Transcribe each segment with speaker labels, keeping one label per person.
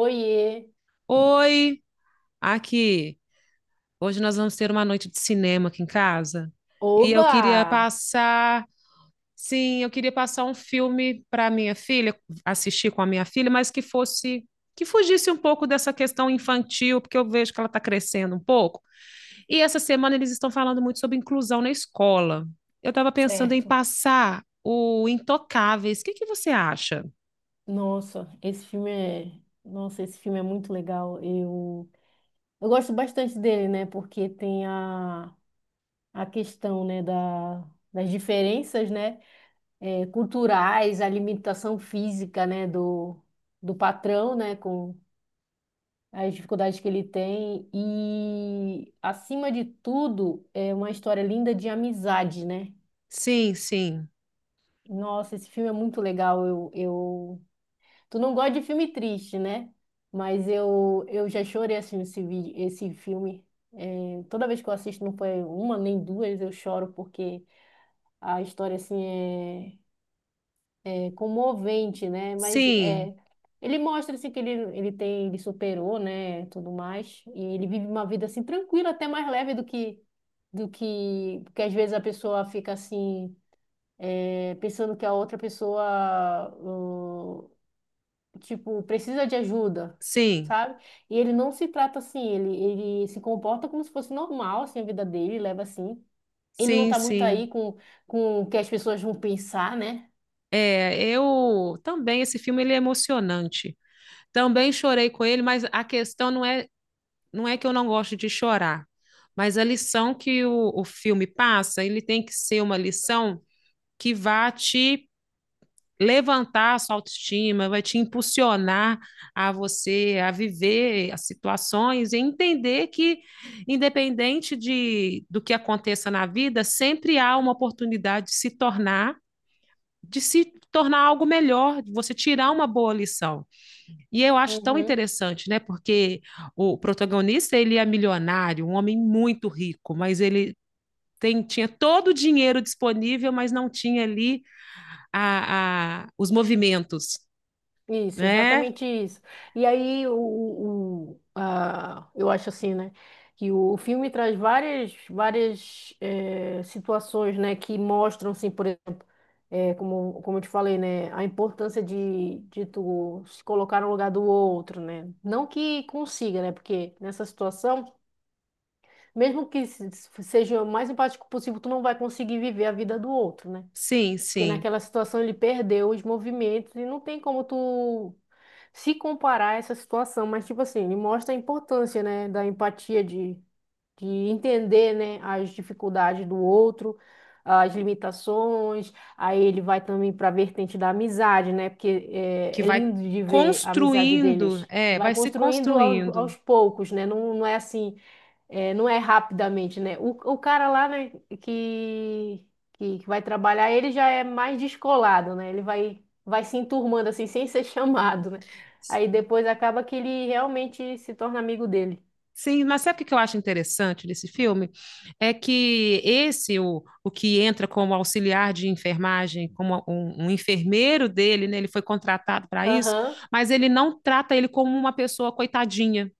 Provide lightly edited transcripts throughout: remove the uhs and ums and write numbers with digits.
Speaker 1: Oiê!
Speaker 2: Oi, aqui. Hoje nós vamos ter uma noite de cinema aqui em casa. E eu
Speaker 1: Oba!
Speaker 2: queria passar um filme para minha filha, assistir com a minha filha, mas que fugisse um pouco dessa questão infantil, porque eu vejo que ela está crescendo um pouco. E essa semana eles estão falando muito sobre inclusão na escola. Eu estava pensando em
Speaker 1: Certo.
Speaker 2: passar o Intocáveis. O que que você acha?
Speaker 1: Nossa, esse filme é, nossa, esse filme é muito legal. Eu gosto bastante dele, né? Porque tem a questão, né, da, das diferenças, né, culturais, a limitação física, né, do patrão, né, com as dificuldades que ele tem e, acima de tudo, é uma história linda de amizade, né?
Speaker 2: Sim, sim.
Speaker 1: Nossa, esse filme é muito legal. Eu. Tu não gosta de filme triste, né? Mas eu já chorei assim esse vídeo, esse filme. É, toda vez que eu assisto, não foi uma nem duas, eu choro porque a história assim é, é comovente, né? Mas
Speaker 2: Sim,
Speaker 1: é, ele mostra assim que ele tem, ele superou, né? Tudo mais e ele vive uma vida assim tranquila, até mais leve do que porque às vezes a pessoa fica assim pensando que a outra pessoa tipo, precisa de ajuda,
Speaker 2: sim.
Speaker 1: sabe? E ele não se trata assim, ele se comporta como se fosse normal, assim, a vida dele, leva assim. Ele não
Speaker 2: Sim,
Speaker 1: tá muito
Speaker 2: sim.
Speaker 1: aí com o que as pessoas vão pensar, né?
Speaker 2: É, eu também, esse filme ele é emocionante. Também chorei com ele, mas a questão não é que eu não gosto de chorar, mas a lição que o filme passa, ele tem que ser uma lição que vá te levantar a sua autoestima, vai te impulsionar a você a viver as situações e entender que, independente do que aconteça na vida, sempre há uma oportunidade de se tornar algo melhor, de você tirar uma boa lição. E eu acho tão
Speaker 1: Uhum.
Speaker 2: interessante, né? Porque o protagonista, ele é milionário, um homem muito rico, mas ele tinha todo o dinheiro disponível, mas não tinha ali os movimentos,
Speaker 1: Isso,
Speaker 2: né?
Speaker 1: exatamente isso. E aí, o, a, eu acho assim, né? Que o filme traz várias, várias situações, né? Que mostram, assim, por exemplo, como, como eu te falei, né? A importância de tu se colocar no lugar do outro, né? Não que consiga, né? Porque nessa situação, mesmo que seja o mais empático possível, tu não vai conseguir viver a vida do outro, né?
Speaker 2: Sim,
Speaker 1: Porque
Speaker 2: sim,
Speaker 1: naquela situação ele perdeu os movimentos e não tem como tu se comparar a essa situação, mas tipo assim, ele mostra a importância, né, da empatia de entender, né, as dificuldades do outro, as limitações. Aí ele vai também para a vertente da amizade, né, porque
Speaker 2: que
Speaker 1: é, é
Speaker 2: vai
Speaker 1: lindo de ver a amizade
Speaker 2: construindo,
Speaker 1: deles.
Speaker 2: é,
Speaker 1: Vai
Speaker 2: vai se
Speaker 1: construindo aos,
Speaker 2: construindo.
Speaker 1: aos poucos, né? Não, não é assim. É, não é rapidamente, né? O cara lá, né, que, que vai trabalhar, ele já é mais descolado, né? Ele vai, vai se enturmando assim, sem ser chamado, né? Aí depois acaba que ele realmente se torna amigo dele.
Speaker 2: Sim, mas sabe o que que eu acho interessante desse filme? É que esse, o que entra como auxiliar de enfermagem, como um enfermeiro dele, né? Ele foi contratado para isso,
Speaker 1: Aham.
Speaker 2: mas ele não trata ele como uma pessoa coitadinha.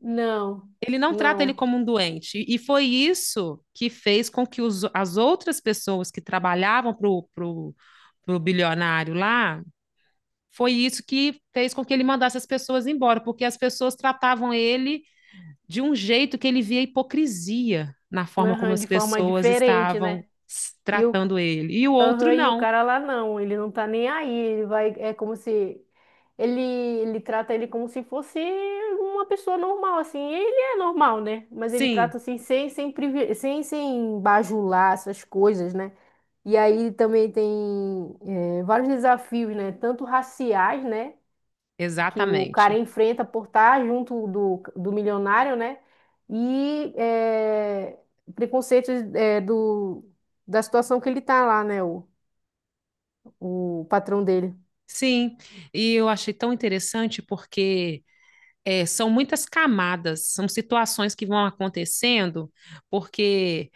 Speaker 1: Não,
Speaker 2: Ele não trata ele
Speaker 1: não.
Speaker 2: como um doente. E foi isso que fez com que os, as outras pessoas que trabalhavam pro bilionário lá, foi isso que fez com que ele mandasse as pessoas embora, porque as pessoas tratavam ele de um jeito que ele via hipocrisia na forma como
Speaker 1: Aham,
Speaker 2: as
Speaker 1: de forma
Speaker 2: pessoas
Speaker 1: diferente,
Speaker 2: estavam
Speaker 1: né? E o
Speaker 2: tratando ele. E o outro
Speaker 1: aham, e o
Speaker 2: não.
Speaker 1: cara lá não, ele não tá nem aí, ele vai, é como se ele, ele trata ele como se fosse uma pessoa normal, assim, e ele é normal, né? Mas ele trata
Speaker 2: Sim,
Speaker 1: assim, sem, sem, sem, sem bajular essas coisas, né? E aí também tem vários desafios, né? Tanto raciais, né? Que o cara
Speaker 2: exatamente.
Speaker 1: enfrenta por estar junto do, do milionário, né? E preconceitos do, da situação que ele tá lá, né? O patrão dele.
Speaker 2: Sim, e eu achei tão interessante porque é, são muitas camadas, são situações que vão acontecendo, porque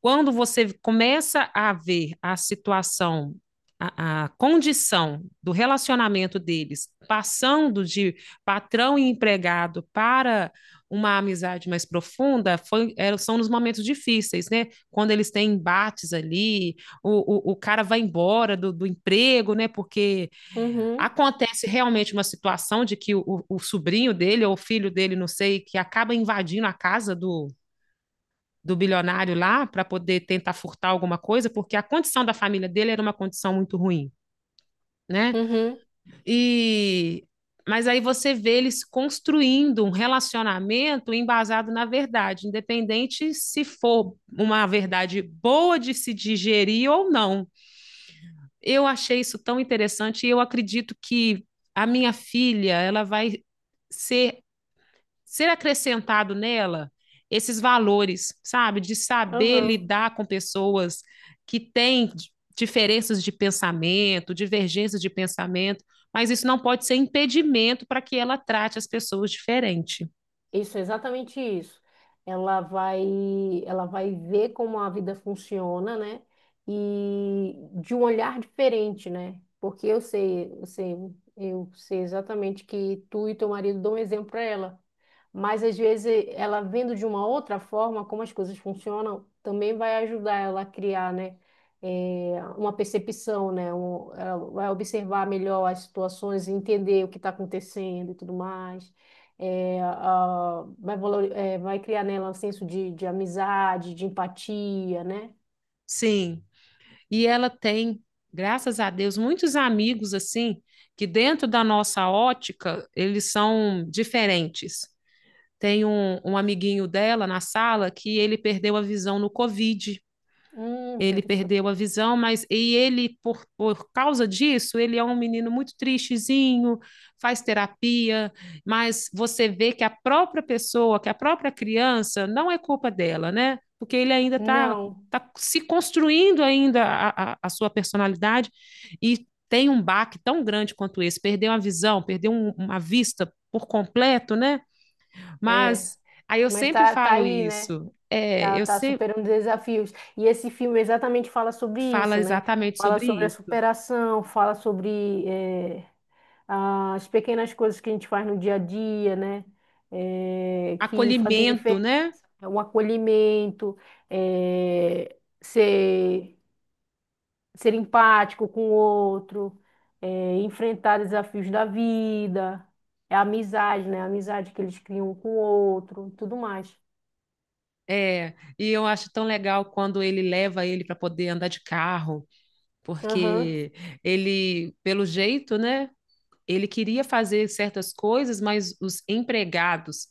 Speaker 2: quando você começa a ver a situação, a condição do relacionamento deles passando de patrão e empregado para uma amizade mais profunda foi, é, são nos momentos difíceis, né? Quando eles têm embates ali, o cara vai embora do emprego, né? Porque
Speaker 1: Uhum,
Speaker 2: acontece realmente uma situação de que o sobrinho dele ou o filho dele, não sei, que acaba invadindo a casa do, do bilionário lá para poder tentar furtar alguma coisa, porque a condição da família dele era uma condição muito ruim, né?
Speaker 1: uhum,
Speaker 2: E mas aí você vê eles construindo um relacionamento embasado na verdade, independente se for uma verdade boa de se digerir ou não. Eu achei isso tão interessante e eu acredito que a minha filha, ela vai ser ser acrescentado nela esses valores, sabe? De saber
Speaker 1: aham.
Speaker 2: lidar com pessoas que têm diferenças de pensamento, divergências de pensamento, mas isso não pode ser impedimento para que ela trate as pessoas diferente.
Speaker 1: Isso, é exatamente isso. Ela vai, ela vai ver como a vida funciona, né? E de um olhar diferente, né? Porque eu sei, eu sei, eu sei exatamente que tu e teu marido dão um exemplo para ela. Mas às vezes ela vendo de uma outra forma como as coisas funcionam, também vai ajudar ela a criar, né? Uma percepção, né? Ela vai observar melhor as situações, entender o que está acontecendo e tudo mais é, vai, é, vai criar nela um senso de amizade, de empatia, né?
Speaker 2: Sim, e ela tem, graças a Deus, muitos amigos assim que dentro da nossa ótica eles são diferentes. Tem um amiguinho dela na sala que ele perdeu a visão no Covid. Ele
Speaker 1: Interessante.
Speaker 2: perdeu a visão, mas e ele, por causa disso, ele é um menino muito tristezinho, faz terapia, mas você vê que a própria pessoa, que a própria criança, não é culpa dela, né? Porque ele ainda está
Speaker 1: Não,
Speaker 2: tá se construindo ainda a sua personalidade e tem um baque tão grande quanto esse, perdeu a visão, perdeu uma vista por completo, né?
Speaker 1: é,
Speaker 2: Mas aí eu
Speaker 1: mas
Speaker 2: sempre
Speaker 1: tá, tá
Speaker 2: falo
Speaker 1: aí, né?
Speaker 2: isso, é,
Speaker 1: Tá,
Speaker 2: eu
Speaker 1: tá
Speaker 2: sempre
Speaker 1: superando desafios. E esse filme exatamente fala sobre
Speaker 2: falo
Speaker 1: isso, né?
Speaker 2: exatamente
Speaker 1: Fala
Speaker 2: sobre
Speaker 1: sobre a
Speaker 2: isso.
Speaker 1: superação, fala sobre as pequenas coisas que a gente faz no dia a dia, né? Que fazem
Speaker 2: Acolhimento,
Speaker 1: diferença.
Speaker 2: né?
Speaker 1: Né? O acolhimento, é, ser ser empático com o outro, é, enfrentar desafios da vida, é a amizade, né? A amizade que eles criam um com o outro, tudo mais.
Speaker 2: É, e eu acho tão legal quando ele leva ele para poder andar de carro,
Speaker 1: Aham.
Speaker 2: porque ele, pelo jeito, né? Ele queria fazer certas coisas, mas os empregados,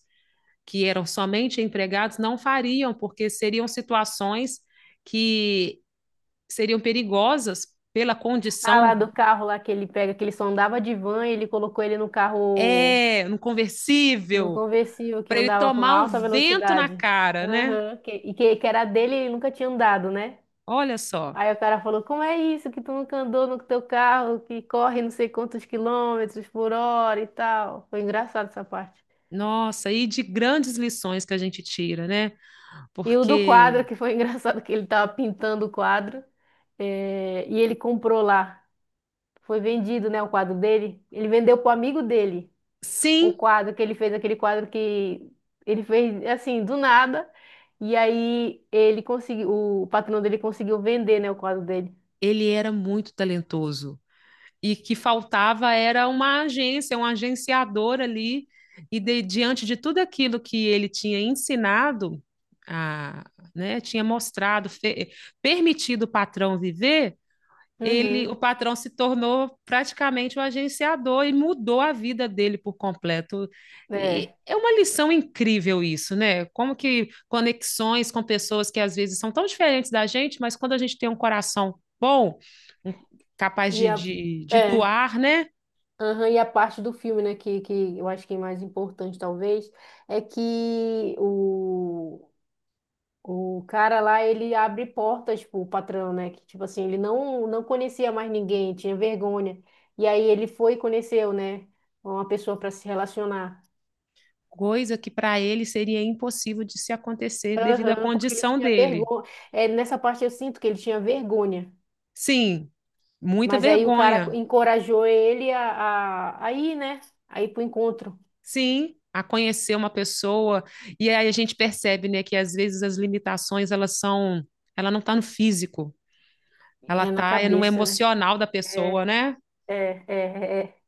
Speaker 2: que eram somente empregados, não fariam, porque seriam situações que seriam perigosas pela
Speaker 1: Ah, lá
Speaker 2: condição
Speaker 1: do carro lá que ele pega, que ele só andava de van, e ele colocou ele no carro,
Speaker 2: é no
Speaker 1: no
Speaker 2: conversível
Speaker 1: conversível que
Speaker 2: para ele
Speaker 1: andava com
Speaker 2: tomar o
Speaker 1: alta
Speaker 2: vento na
Speaker 1: velocidade.
Speaker 2: cara, né?
Speaker 1: Aham, e que era dele e ele nunca tinha andado, né?
Speaker 2: Olha só.
Speaker 1: Aí o cara falou, como é isso que tu nunca andou no teu carro, que corre não sei quantos quilômetros por hora e tal. Foi engraçado essa parte.
Speaker 2: Nossa, e de grandes lições que a gente tira, né?
Speaker 1: E o do quadro,
Speaker 2: Porque
Speaker 1: que foi engraçado, que ele tava pintando o quadro, e ele comprou lá. Foi vendido, né, o quadro dele. Ele vendeu pro amigo dele o
Speaker 2: sim,
Speaker 1: quadro que ele fez, aquele quadro que ele fez, assim, do nada. E aí ele conseguiu, o patrão dele conseguiu vender, né, o quadro dele.
Speaker 2: ele era muito talentoso e que faltava era uma agência, um agenciador ali. E diante de tudo aquilo que ele tinha ensinado, a, né, tinha mostrado, fe, permitido o patrão viver, ele,
Speaker 1: Uhum.
Speaker 2: o patrão se tornou praticamente o um agenciador e mudou a vida dele por completo. E
Speaker 1: É.
Speaker 2: é uma lição incrível isso, né? Como que conexões com pessoas que às vezes são tão diferentes da gente, mas quando a gente tem um coração bom, um, capaz
Speaker 1: E a,
Speaker 2: de
Speaker 1: é.
Speaker 2: doar, né?
Speaker 1: Aham, e a parte do filme, né, que eu acho que é mais importante, talvez, é que o cara lá, ele abre portas pro patrão, né? Que, tipo assim, ele não, não conhecia mais ninguém, tinha vergonha. E aí ele foi e conheceu, né? Uma pessoa para se relacionar.
Speaker 2: Coisa que para ele seria impossível de se acontecer devido à
Speaker 1: Aham, porque ele
Speaker 2: condição
Speaker 1: tinha
Speaker 2: dele.
Speaker 1: vergonha. É, nessa parte eu sinto que ele tinha vergonha.
Speaker 2: Sim, muita
Speaker 1: Mas aí o cara
Speaker 2: vergonha,
Speaker 1: encorajou ele a ir, né? A ir pro encontro.
Speaker 2: sim, a conhecer uma pessoa. E aí a gente percebe, né, que às vezes as limitações, elas são, ela não está no físico, ela
Speaker 1: É na
Speaker 2: está no
Speaker 1: cabeça, né?
Speaker 2: emocional da
Speaker 1: É,
Speaker 2: pessoa, né?
Speaker 1: é, é, é. É.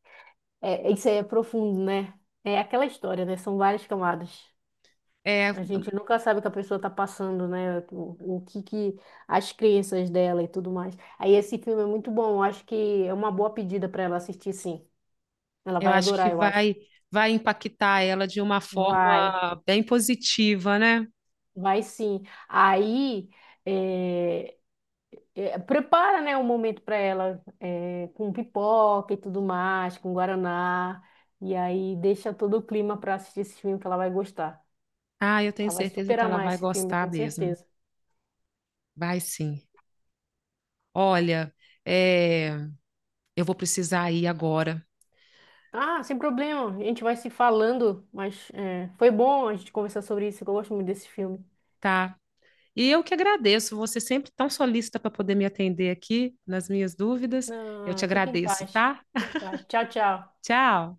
Speaker 1: É, isso aí é profundo, né? É aquela história, né? São várias camadas.
Speaker 2: É,
Speaker 1: A gente nunca sabe o que a pessoa está passando, né? O que que as crenças dela e tudo mais. Aí esse filme é muito bom. Eu acho que é uma boa pedida para ela assistir, sim. Ela
Speaker 2: eu
Speaker 1: vai
Speaker 2: acho que
Speaker 1: adorar, eu acho.
Speaker 2: vai impactar ela de uma
Speaker 1: Vai,
Speaker 2: forma bem positiva, né?
Speaker 1: vai sim. Aí é, é, prepara, né, um momento para ela é, com pipoca e tudo mais, com guaraná. E aí deixa todo o clima para assistir esse filme que ela vai gostar.
Speaker 2: Ah, eu tenho
Speaker 1: Ela vai
Speaker 2: certeza
Speaker 1: super
Speaker 2: que ela
Speaker 1: amar
Speaker 2: vai
Speaker 1: esse filme, eu
Speaker 2: gostar
Speaker 1: tenho
Speaker 2: mesmo.
Speaker 1: certeza.
Speaker 2: Vai sim. Olha, é, eu vou precisar ir agora,
Speaker 1: Ah, sem problema. A gente vai se falando, mas é, foi bom a gente conversar sobre isso. Que eu gosto muito desse filme.
Speaker 2: tá? E eu que agradeço, você sempre tão solícita para poder me atender aqui nas minhas dúvidas. Eu te
Speaker 1: Não, fica em
Speaker 2: agradeço,
Speaker 1: paz.
Speaker 2: tá?
Speaker 1: Fica em paz. Tchau, tchau.
Speaker 2: Tchau.